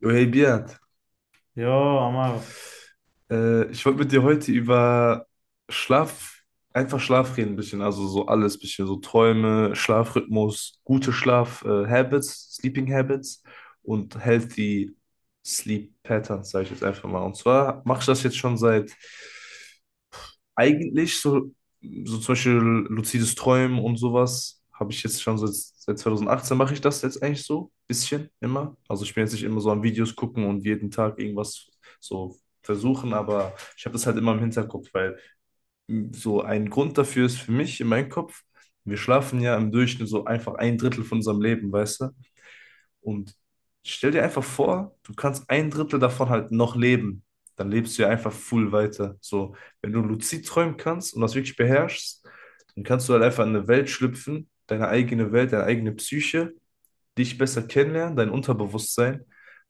Jo, Hey Beat, Ja, aber ich wollte mit dir heute über Schlaf, einfach Schlaf reden ein bisschen, also so alles ein bisschen, so Träume, Schlafrhythmus, gute Schlaf, Habits, Sleeping Habits und healthy Sleep Patterns, sage ich jetzt einfach mal. Und zwar mache ich das jetzt schon seit eigentlich so, so zum Beispiel luzides Träumen und sowas habe ich jetzt schon seit 2018, mache ich das jetzt eigentlich so, bisschen immer. Also ich bin jetzt nicht immer so am Videos gucken und jeden Tag irgendwas so versuchen, aber ich habe das halt immer im Hinterkopf, weil so ein Grund dafür ist für mich in meinem Kopf, wir schlafen ja im Durchschnitt so einfach ein Drittel von unserem Leben, weißt du? Und stell dir einfach vor, du kannst ein Drittel davon halt noch leben. Dann lebst du ja einfach full weiter. So, wenn du luzid träumen kannst und das wirklich beherrschst, dann kannst du halt einfach in eine Welt schlüpfen, deine eigene Welt, deine eigene Psyche, dich besser kennenlernen, dein Unterbewusstsein.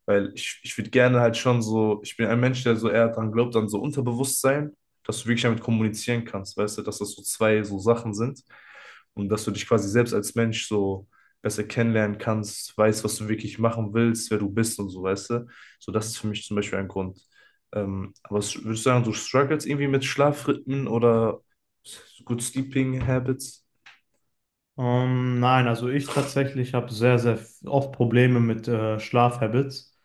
Weil ich würde gerne halt schon so, ich bin ein Mensch, der so eher dran glaubt, an so Unterbewusstsein, dass du wirklich damit kommunizieren kannst, weißt du, dass das so zwei so Sachen sind und dass du dich quasi selbst als Mensch so besser kennenlernen kannst, weißt, was du wirklich machen willst, wer du bist und so, weißt du. So, das ist für mich zum Beispiel ein Grund. Aber würdest du sagen, du struggles irgendwie mit Schlafrhythmen oder good sleeping habits? Nein, also ich tatsächlich habe sehr, sehr oft Probleme mit Schlafhabits.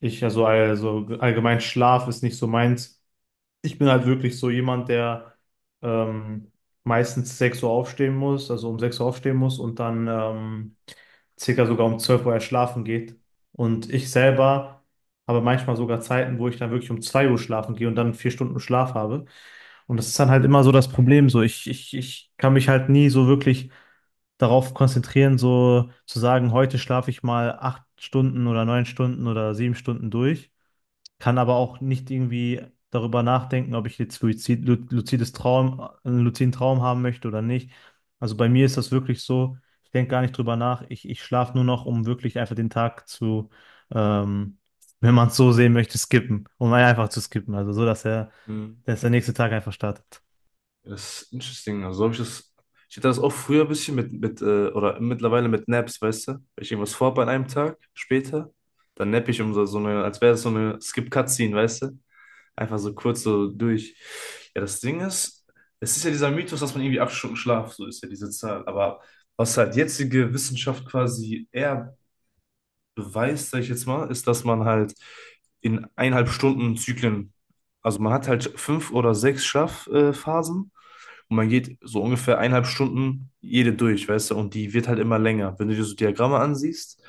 Also allgemein Schlaf ist nicht so meins. Ich bin halt wirklich so jemand, der ähm, meistens 6 Uhr aufstehen muss, also um 6 Uhr aufstehen muss und dann circa sogar um 12 Uhr erst schlafen geht. Und ich selber habe manchmal sogar Zeiten, wo ich dann wirklich um 2 Uhr schlafen gehe und dann 4 Stunden Schlaf habe. Und das ist dann halt immer so das Problem. So, ich kann mich halt nie so wirklich darauf konzentrieren, so zu sagen, heute schlafe ich mal 8 Stunden oder 9 Stunden oder 7 Stunden durch, kann aber auch nicht irgendwie darüber nachdenken, ob ich jetzt luzid, lu- luzides Traum, einen luziden Traum haben möchte oder nicht. Also bei mir ist das wirklich so, ich denke gar nicht drüber nach. Ich schlafe nur noch, um wirklich einfach den Tag zu, ähm, wenn man es so sehen möchte, skippen, um einfach zu skippen. Also so, Hm. dass der nächste Tag einfach startet. Ja, das ist interesting. Also habe ich das. Ich hatte das auch früher ein bisschen mit oder mittlerweile mit Naps, weißt du? Wenn ich irgendwas vorhabe an einem Tag, später, dann nappe ich um so, so eine, als wäre es so eine Skip-Cutscene, weißt du? Einfach so kurz so durch. Ja, das Ding ist, es ist ja dieser Mythos, dass man irgendwie 8 Stunden Schlaf, so ist ja diese Zahl. Aber was halt jetzige Wissenschaft quasi eher beweist, sag ich jetzt mal, ist, dass man halt in 1,5 Stunden Zyklen, also man hat halt 5 oder 6 Schlafphasen. Und man geht so ungefähr 1,5 Stunden jede durch, weißt du, und die wird halt immer länger. Wenn du dir so Diagramme ansiehst,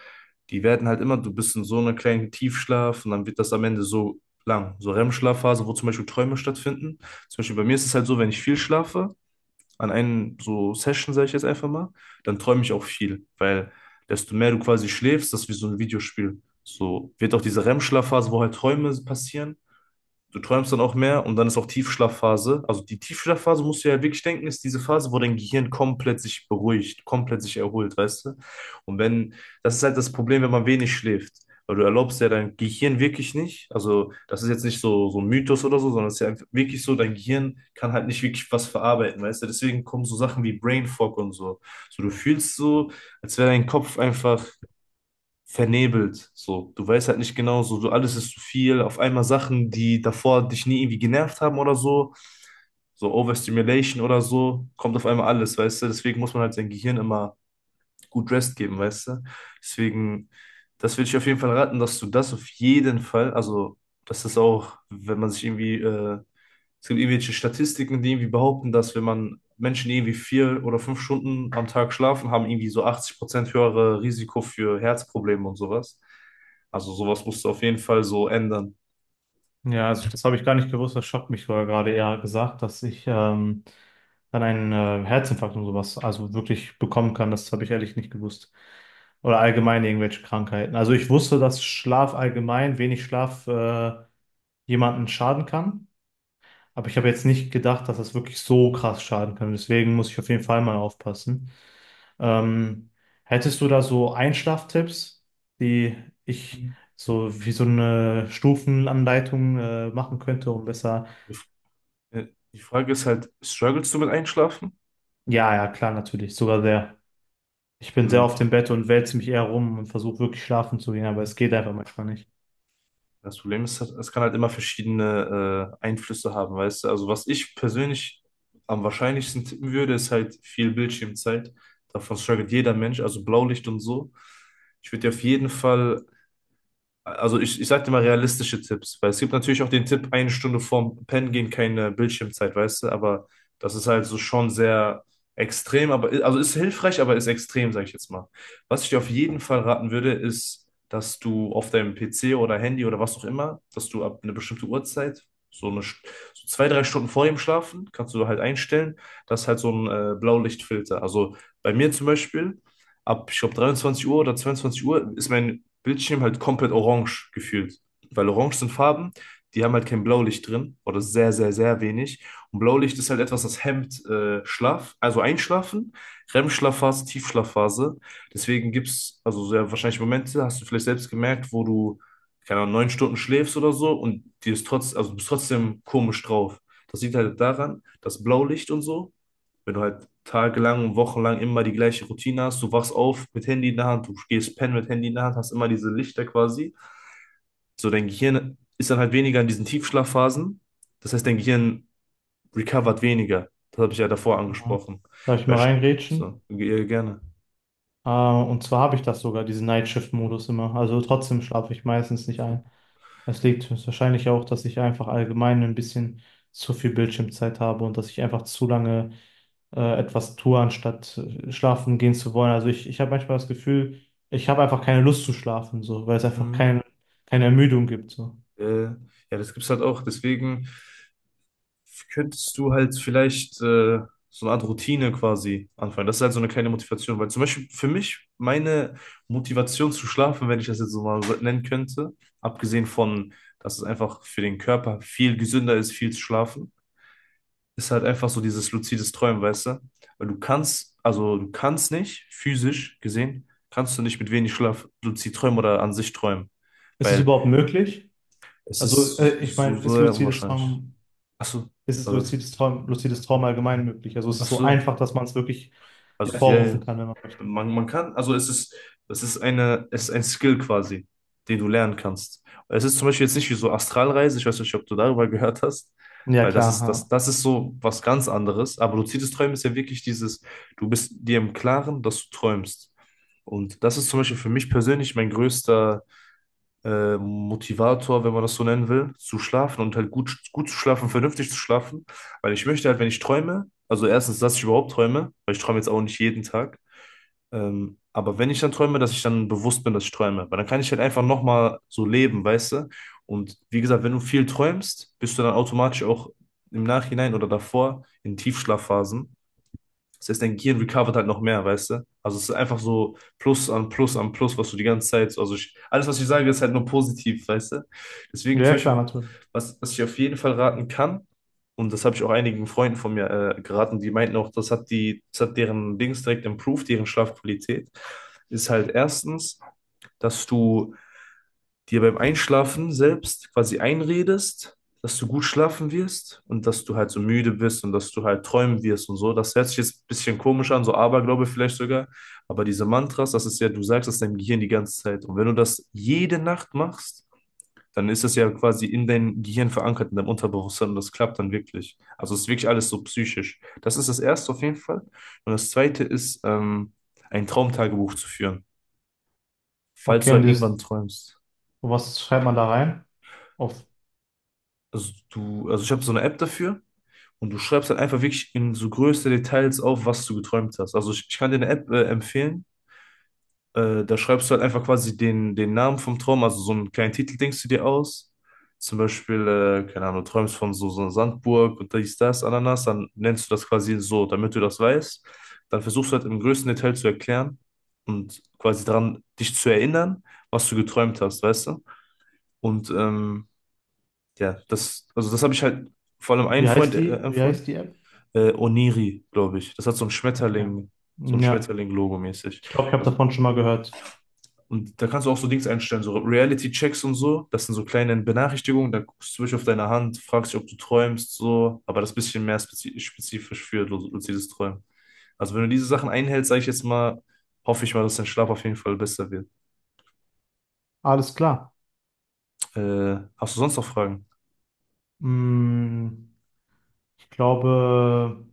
die werden halt immer, du bist in so einer kleinen Tiefschlaf und dann wird das am Ende so lang. So rem schlafphase wo zum Beispiel Träume stattfinden. Zum Beispiel bei mir ist es halt so, wenn ich viel schlafe, an einen so Session, sage ich jetzt einfach mal, dann träume ich auch viel, weil desto mehr du quasi schläfst, das ist wie so ein Videospiel. So wird auch diese REM-Schlafphase, wo halt Träume passieren. Du träumst dann auch mehr und dann ist auch Tiefschlafphase. Also die Tiefschlafphase, musst du ja wirklich denken, ist diese Phase, wo dein Gehirn komplett sich beruhigt, komplett sich erholt, weißt du? Und wenn, das ist halt das Problem, wenn man wenig schläft. Weil du erlaubst ja dein Gehirn wirklich nicht, also das ist jetzt nicht so, so ein Mythos oder so, sondern es ist ja einfach wirklich so, dein Gehirn kann halt nicht wirklich was verarbeiten, weißt du? Deswegen kommen so Sachen wie Brain Fog und so. So du fühlst so, als wäre dein Kopf einfach vernebelt. So, du weißt halt nicht genau, so, so alles ist zu viel. Auf einmal Sachen, die davor dich nie irgendwie genervt haben oder so, so Overstimulation oder so, kommt auf einmal alles, weißt du? Deswegen muss man halt sein Gehirn immer gut Rest geben, weißt du? Deswegen, das würde ich auf jeden Fall raten, dass du das auf jeden Fall, also, dass das auch, wenn man sich irgendwie es gibt irgendwelche Statistiken, die irgendwie behaupten, dass wenn man Menschen die irgendwie 4 oder 5 Stunden am Tag schlafen, haben irgendwie so 80% höhere Risiko für Herzprobleme und sowas. Also sowas musst du auf jeden Fall so ändern. Ja, also das habe ich gar nicht gewusst, das schockt mich sogar gerade eher gesagt, dass ich dann einen Herzinfarkt und sowas also wirklich bekommen kann. Das habe ich ehrlich nicht gewusst. Oder allgemein irgendwelche Krankheiten. Also ich wusste, dass Schlaf allgemein, wenig Schlaf jemanden schaden kann. Aber ich habe jetzt nicht gedacht, dass das wirklich so krass schaden kann. Deswegen muss ich auf jeden Fall mal aufpassen. Ähm, hättest du da so Einschlaftipps, die ich so wie so eine Stufenanleitung machen könnte, um besser. Die Frage ist halt, struggles du mit Einschlafen? Ja, ja, klar, natürlich. Sogar sehr. Ich bin sehr Dann, auf dem Bett und wälze mich eher rum und versuche wirklich schlafen zu gehen, aber es geht einfach manchmal nicht. das Problem ist, halt, es kann halt immer verschiedene Einflüsse haben, weißt du? Also was ich persönlich am wahrscheinlichsten tippen würde, ist halt viel Bildschirmzeit. Davon struggelt jeder Mensch, also Blaulicht und so. Ich würde dir auf jeden Fall, also ich sag dir mal realistische Tipps, weil es gibt natürlich auch den Tipp, 1 Stunde vorm Pennen gehen, keine Bildschirmzeit, weißt du, aber das ist halt so schon sehr extrem, aber also ist hilfreich, aber ist extrem, sag ich jetzt mal. Was ich dir auf jeden Fall raten würde, ist, dass du auf deinem PC oder Handy oder was auch immer, dass du ab einer bestimmten Uhrzeit, so eine St- so 2, 3 Stunden vor dem Schlafen, kannst du halt einstellen, dass halt so ein Blaulichtfilter. Also bei mir zum Beispiel ab, ich glaube, 23 Uhr oder 22 Uhr ist mein Bildschirm halt komplett orange gefühlt. Weil orange sind Farben, die haben halt kein Blaulicht drin oder sehr, sehr, sehr wenig. Und Blaulicht ist halt etwas, das hemmt Schlaf, also Einschlafen, REM-Schlafphase, Tiefschlafphase. Deswegen gibt es also sehr wahrscheinlich Momente, hast du vielleicht selbst gemerkt, wo du, keine Ahnung, 9 Stunden schläfst oder so und dir ist trotz, also du bist trotzdem komisch drauf. Das liegt halt daran, dass Blaulicht und so, wenn du halt tagelang, wochenlang immer die gleiche Routine hast, du wachst auf mit Handy in der Hand, du gehst pennen mit Handy in der Hand, hast immer diese Lichter quasi. So, dein Gehirn ist dann halt weniger in diesen Tiefschlafphasen. Das heißt, dein Gehirn recovert weniger. Das habe ich ja davor Ja. angesprochen. Darf ich mal Verst- reingrätschen? Gerne. Und zwar habe ich das sogar, diesen Nightshift-Modus immer. Also trotzdem schlafe ich meistens nicht ein. Es liegt wahrscheinlich auch, dass ich einfach allgemein ein bisschen zu viel Bildschirmzeit habe und dass ich einfach zu lange etwas tue, anstatt schlafen gehen zu wollen. Also ich habe manchmal das Gefühl, ich habe einfach keine Lust zu schlafen, so, weil es einfach Hm, keine Ermüdung gibt. So. Ja, das gibt es halt auch. Deswegen könntest du halt vielleicht so eine Art Routine quasi anfangen. Das ist halt so eine kleine Motivation, weil zum Beispiel für mich meine Motivation zu schlafen, wenn ich das jetzt so mal so nennen könnte, abgesehen von, dass es einfach für den Körper viel gesünder ist, viel zu schlafen, ist halt einfach so dieses luzides Träumen, weißt du? Weil du kannst, also du kannst nicht, physisch gesehen, kannst du nicht mit wenig Schlaf luzid träumen oder an sich träumen, Ist es weil überhaupt möglich? es ist Also ich meine, so, so ist sehr luzides unwahrscheinlich. Traum, Achso, ist es oder was? Luzides Traum allgemein möglich? Also ist es so Achso. einfach, dass man es wirklich Also ja, ja. hervorrufen kann, wenn man möchte? Man kann, also es ist eine, es ist ein Skill quasi, den du lernen kannst. Es ist zum Beispiel jetzt nicht wie so Astralreise, ich weiß nicht, ob du darüber gehört hast, Ja, weil das ist, klar. das ist so was ganz anderes. Aber luzides Träumen ist ja wirklich dieses, du bist dir im Klaren, dass du träumst. Und das ist zum Beispiel für mich persönlich mein größter Motivator, wenn man das so nennen will, zu schlafen und halt gut, gut zu schlafen, vernünftig zu schlafen. Weil ich möchte halt, wenn ich träume, also erstens, dass ich überhaupt träume, weil ich träume jetzt auch nicht jeden Tag. Aber wenn ich dann träume, dass ich dann bewusst bin, dass ich träume, weil dann kann ich halt einfach nochmal so leben, weißt du? Und wie gesagt, wenn du viel träumst, bist du dann automatisch auch im Nachhinein oder davor in Tiefschlafphasen. Das heißt, dein Gehirn recovert halt noch mehr, weißt du? Also es ist einfach so Plus an Plus an Plus, was du die ganze Zeit, also ich, alles, was ich sage, ist halt nur positiv, weißt du? Deswegen Ja, zum ja, klar, Beispiel, natürlich. was ich auf jeden Fall raten kann, und das habe ich auch einigen Freunden von mir geraten, die meinten auch, das hat die, das hat deren Dings direkt improved, deren Schlafqualität, ist halt erstens, dass du dir beim Einschlafen selbst quasi einredest, dass du gut schlafen wirst und dass du halt so müde bist und dass du halt träumen wirst und so. Das hört sich jetzt ein bisschen komisch an, so Aberglaube vielleicht sogar. Aber diese Mantras, das ist ja, du sagst das deinem Gehirn die ganze Zeit. Und wenn du das jede Nacht machst, dann ist das ja quasi in deinem Gehirn verankert, in deinem Unterbewusstsein und das klappt dann wirklich. Also es ist wirklich alles so psychisch. Das ist das Erste auf jeden Fall. Und das Zweite ist, ein Traumtagebuch zu führen, falls Okay, du und halt irgendwann dieses, träumst. was schreibt man da rein? Auf Also du, also ich habe so eine App dafür und du schreibst halt einfach wirklich in so größte Details auf, was du geträumt hast. Also ich kann dir eine App empfehlen. Da schreibst du halt einfach quasi den Namen vom Traum, also so einen kleinen Titel denkst du dir aus. Zum Beispiel, keine Ahnung, du träumst von so, so einer Sandburg und dies, das, Ananas, dann nennst du das quasi so, damit du das weißt. Dann versuchst du halt im größten Detail zu erklären und quasi daran dich zu erinnern, was du geträumt hast, weißt du? Und ähm, ja, das, also das habe ich halt vor allem einen Freund Wie empfohlen. heißt die App? Oniri, glaube ich. Das hat so ein Ja. Schmetterling, so ein Ja, Schmetterling-Logo mäßig. ich glaube, ich habe Also, davon schon mal gehört. und da kannst du auch so Dings einstellen, so Reality-Checks und so. Das sind so kleine Benachrichtigungen, da guckst du wirklich auf deine Hand, fragst dich, ob du träumst, so. Aber das ist ein bisschen mehr spezifisch für luzides Träumen. Also, wenn du diese Sachen einhältst, sage ich jetzt mal, hoffe ich mal, dass dein Schlaf auf jeden Fall besser wird. Alles klar. Hast du sonst noch Fragen? Mm, ich glaube,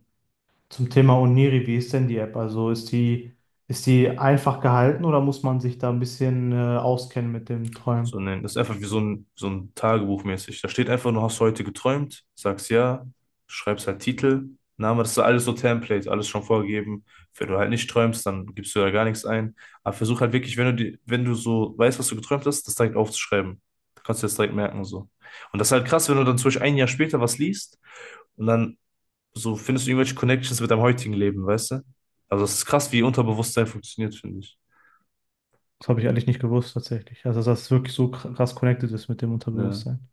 zum Thema Oniri, wie ist denn die App? Also ist die einfach gehalten oder muss man sich da ein bisschen auskennen mit dem So Träumen? nennen. Das ist einfach wie so ein Tagebuch mäßig. Da steht einfach nur, hast du heute geträumt, sagst ja, schreibst halt Titel, Name, das ist alles so Template, alles schon vorgegeben. Wenn du halt nicht träumst, dann gibst du da gar nichts ein. Aber versuch halt wirklich, wenn du, die, wenn du so weißt, was du geträumt hast, das direkt aufzuschreiben. Da kannst du das direkt merken, so. Und das ist halt krass, wenn du dann zum Beispiel 1 Jahr später was liest und dann so findest du irgendwelche Connections mit deinem heutigen Leben, weißt du? Also, es ist krass, wie Unterbewusstsein funktioniert, finde ich. Das habe ich ehrlich nicht gewusst tatsächlich. Also, dass es wirklich so krass connected ist mit dem Ja, Unterbewusstsein.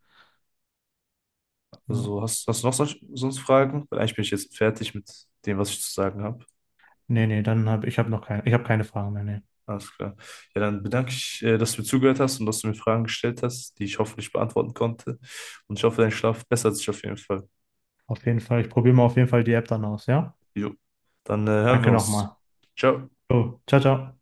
Ja. also hast, hast du noch sonst Fragen? Weil eigentlich bin ich jetzt fertig mit dem, was ich zu sagen habe. Nee, nee, dann habe ich habe noch keine, ich habe keine Fragen mehr. Nee. Alles klar. Ja, dann bedanke ich, dass du mir zugehört hast und dass du mir Fragen gestellt hast, die ich hoffentlich beantworten konnte. Und ich hoffe, dein Schlaf bessert sich auf jeden Fall. Auf jeden Fall, ich probiere mal auf jeden Fall die App dann aus, ja? Jo. Dann, hören wir Danke uns. nochmal. Ciao. So, ciao, ciao.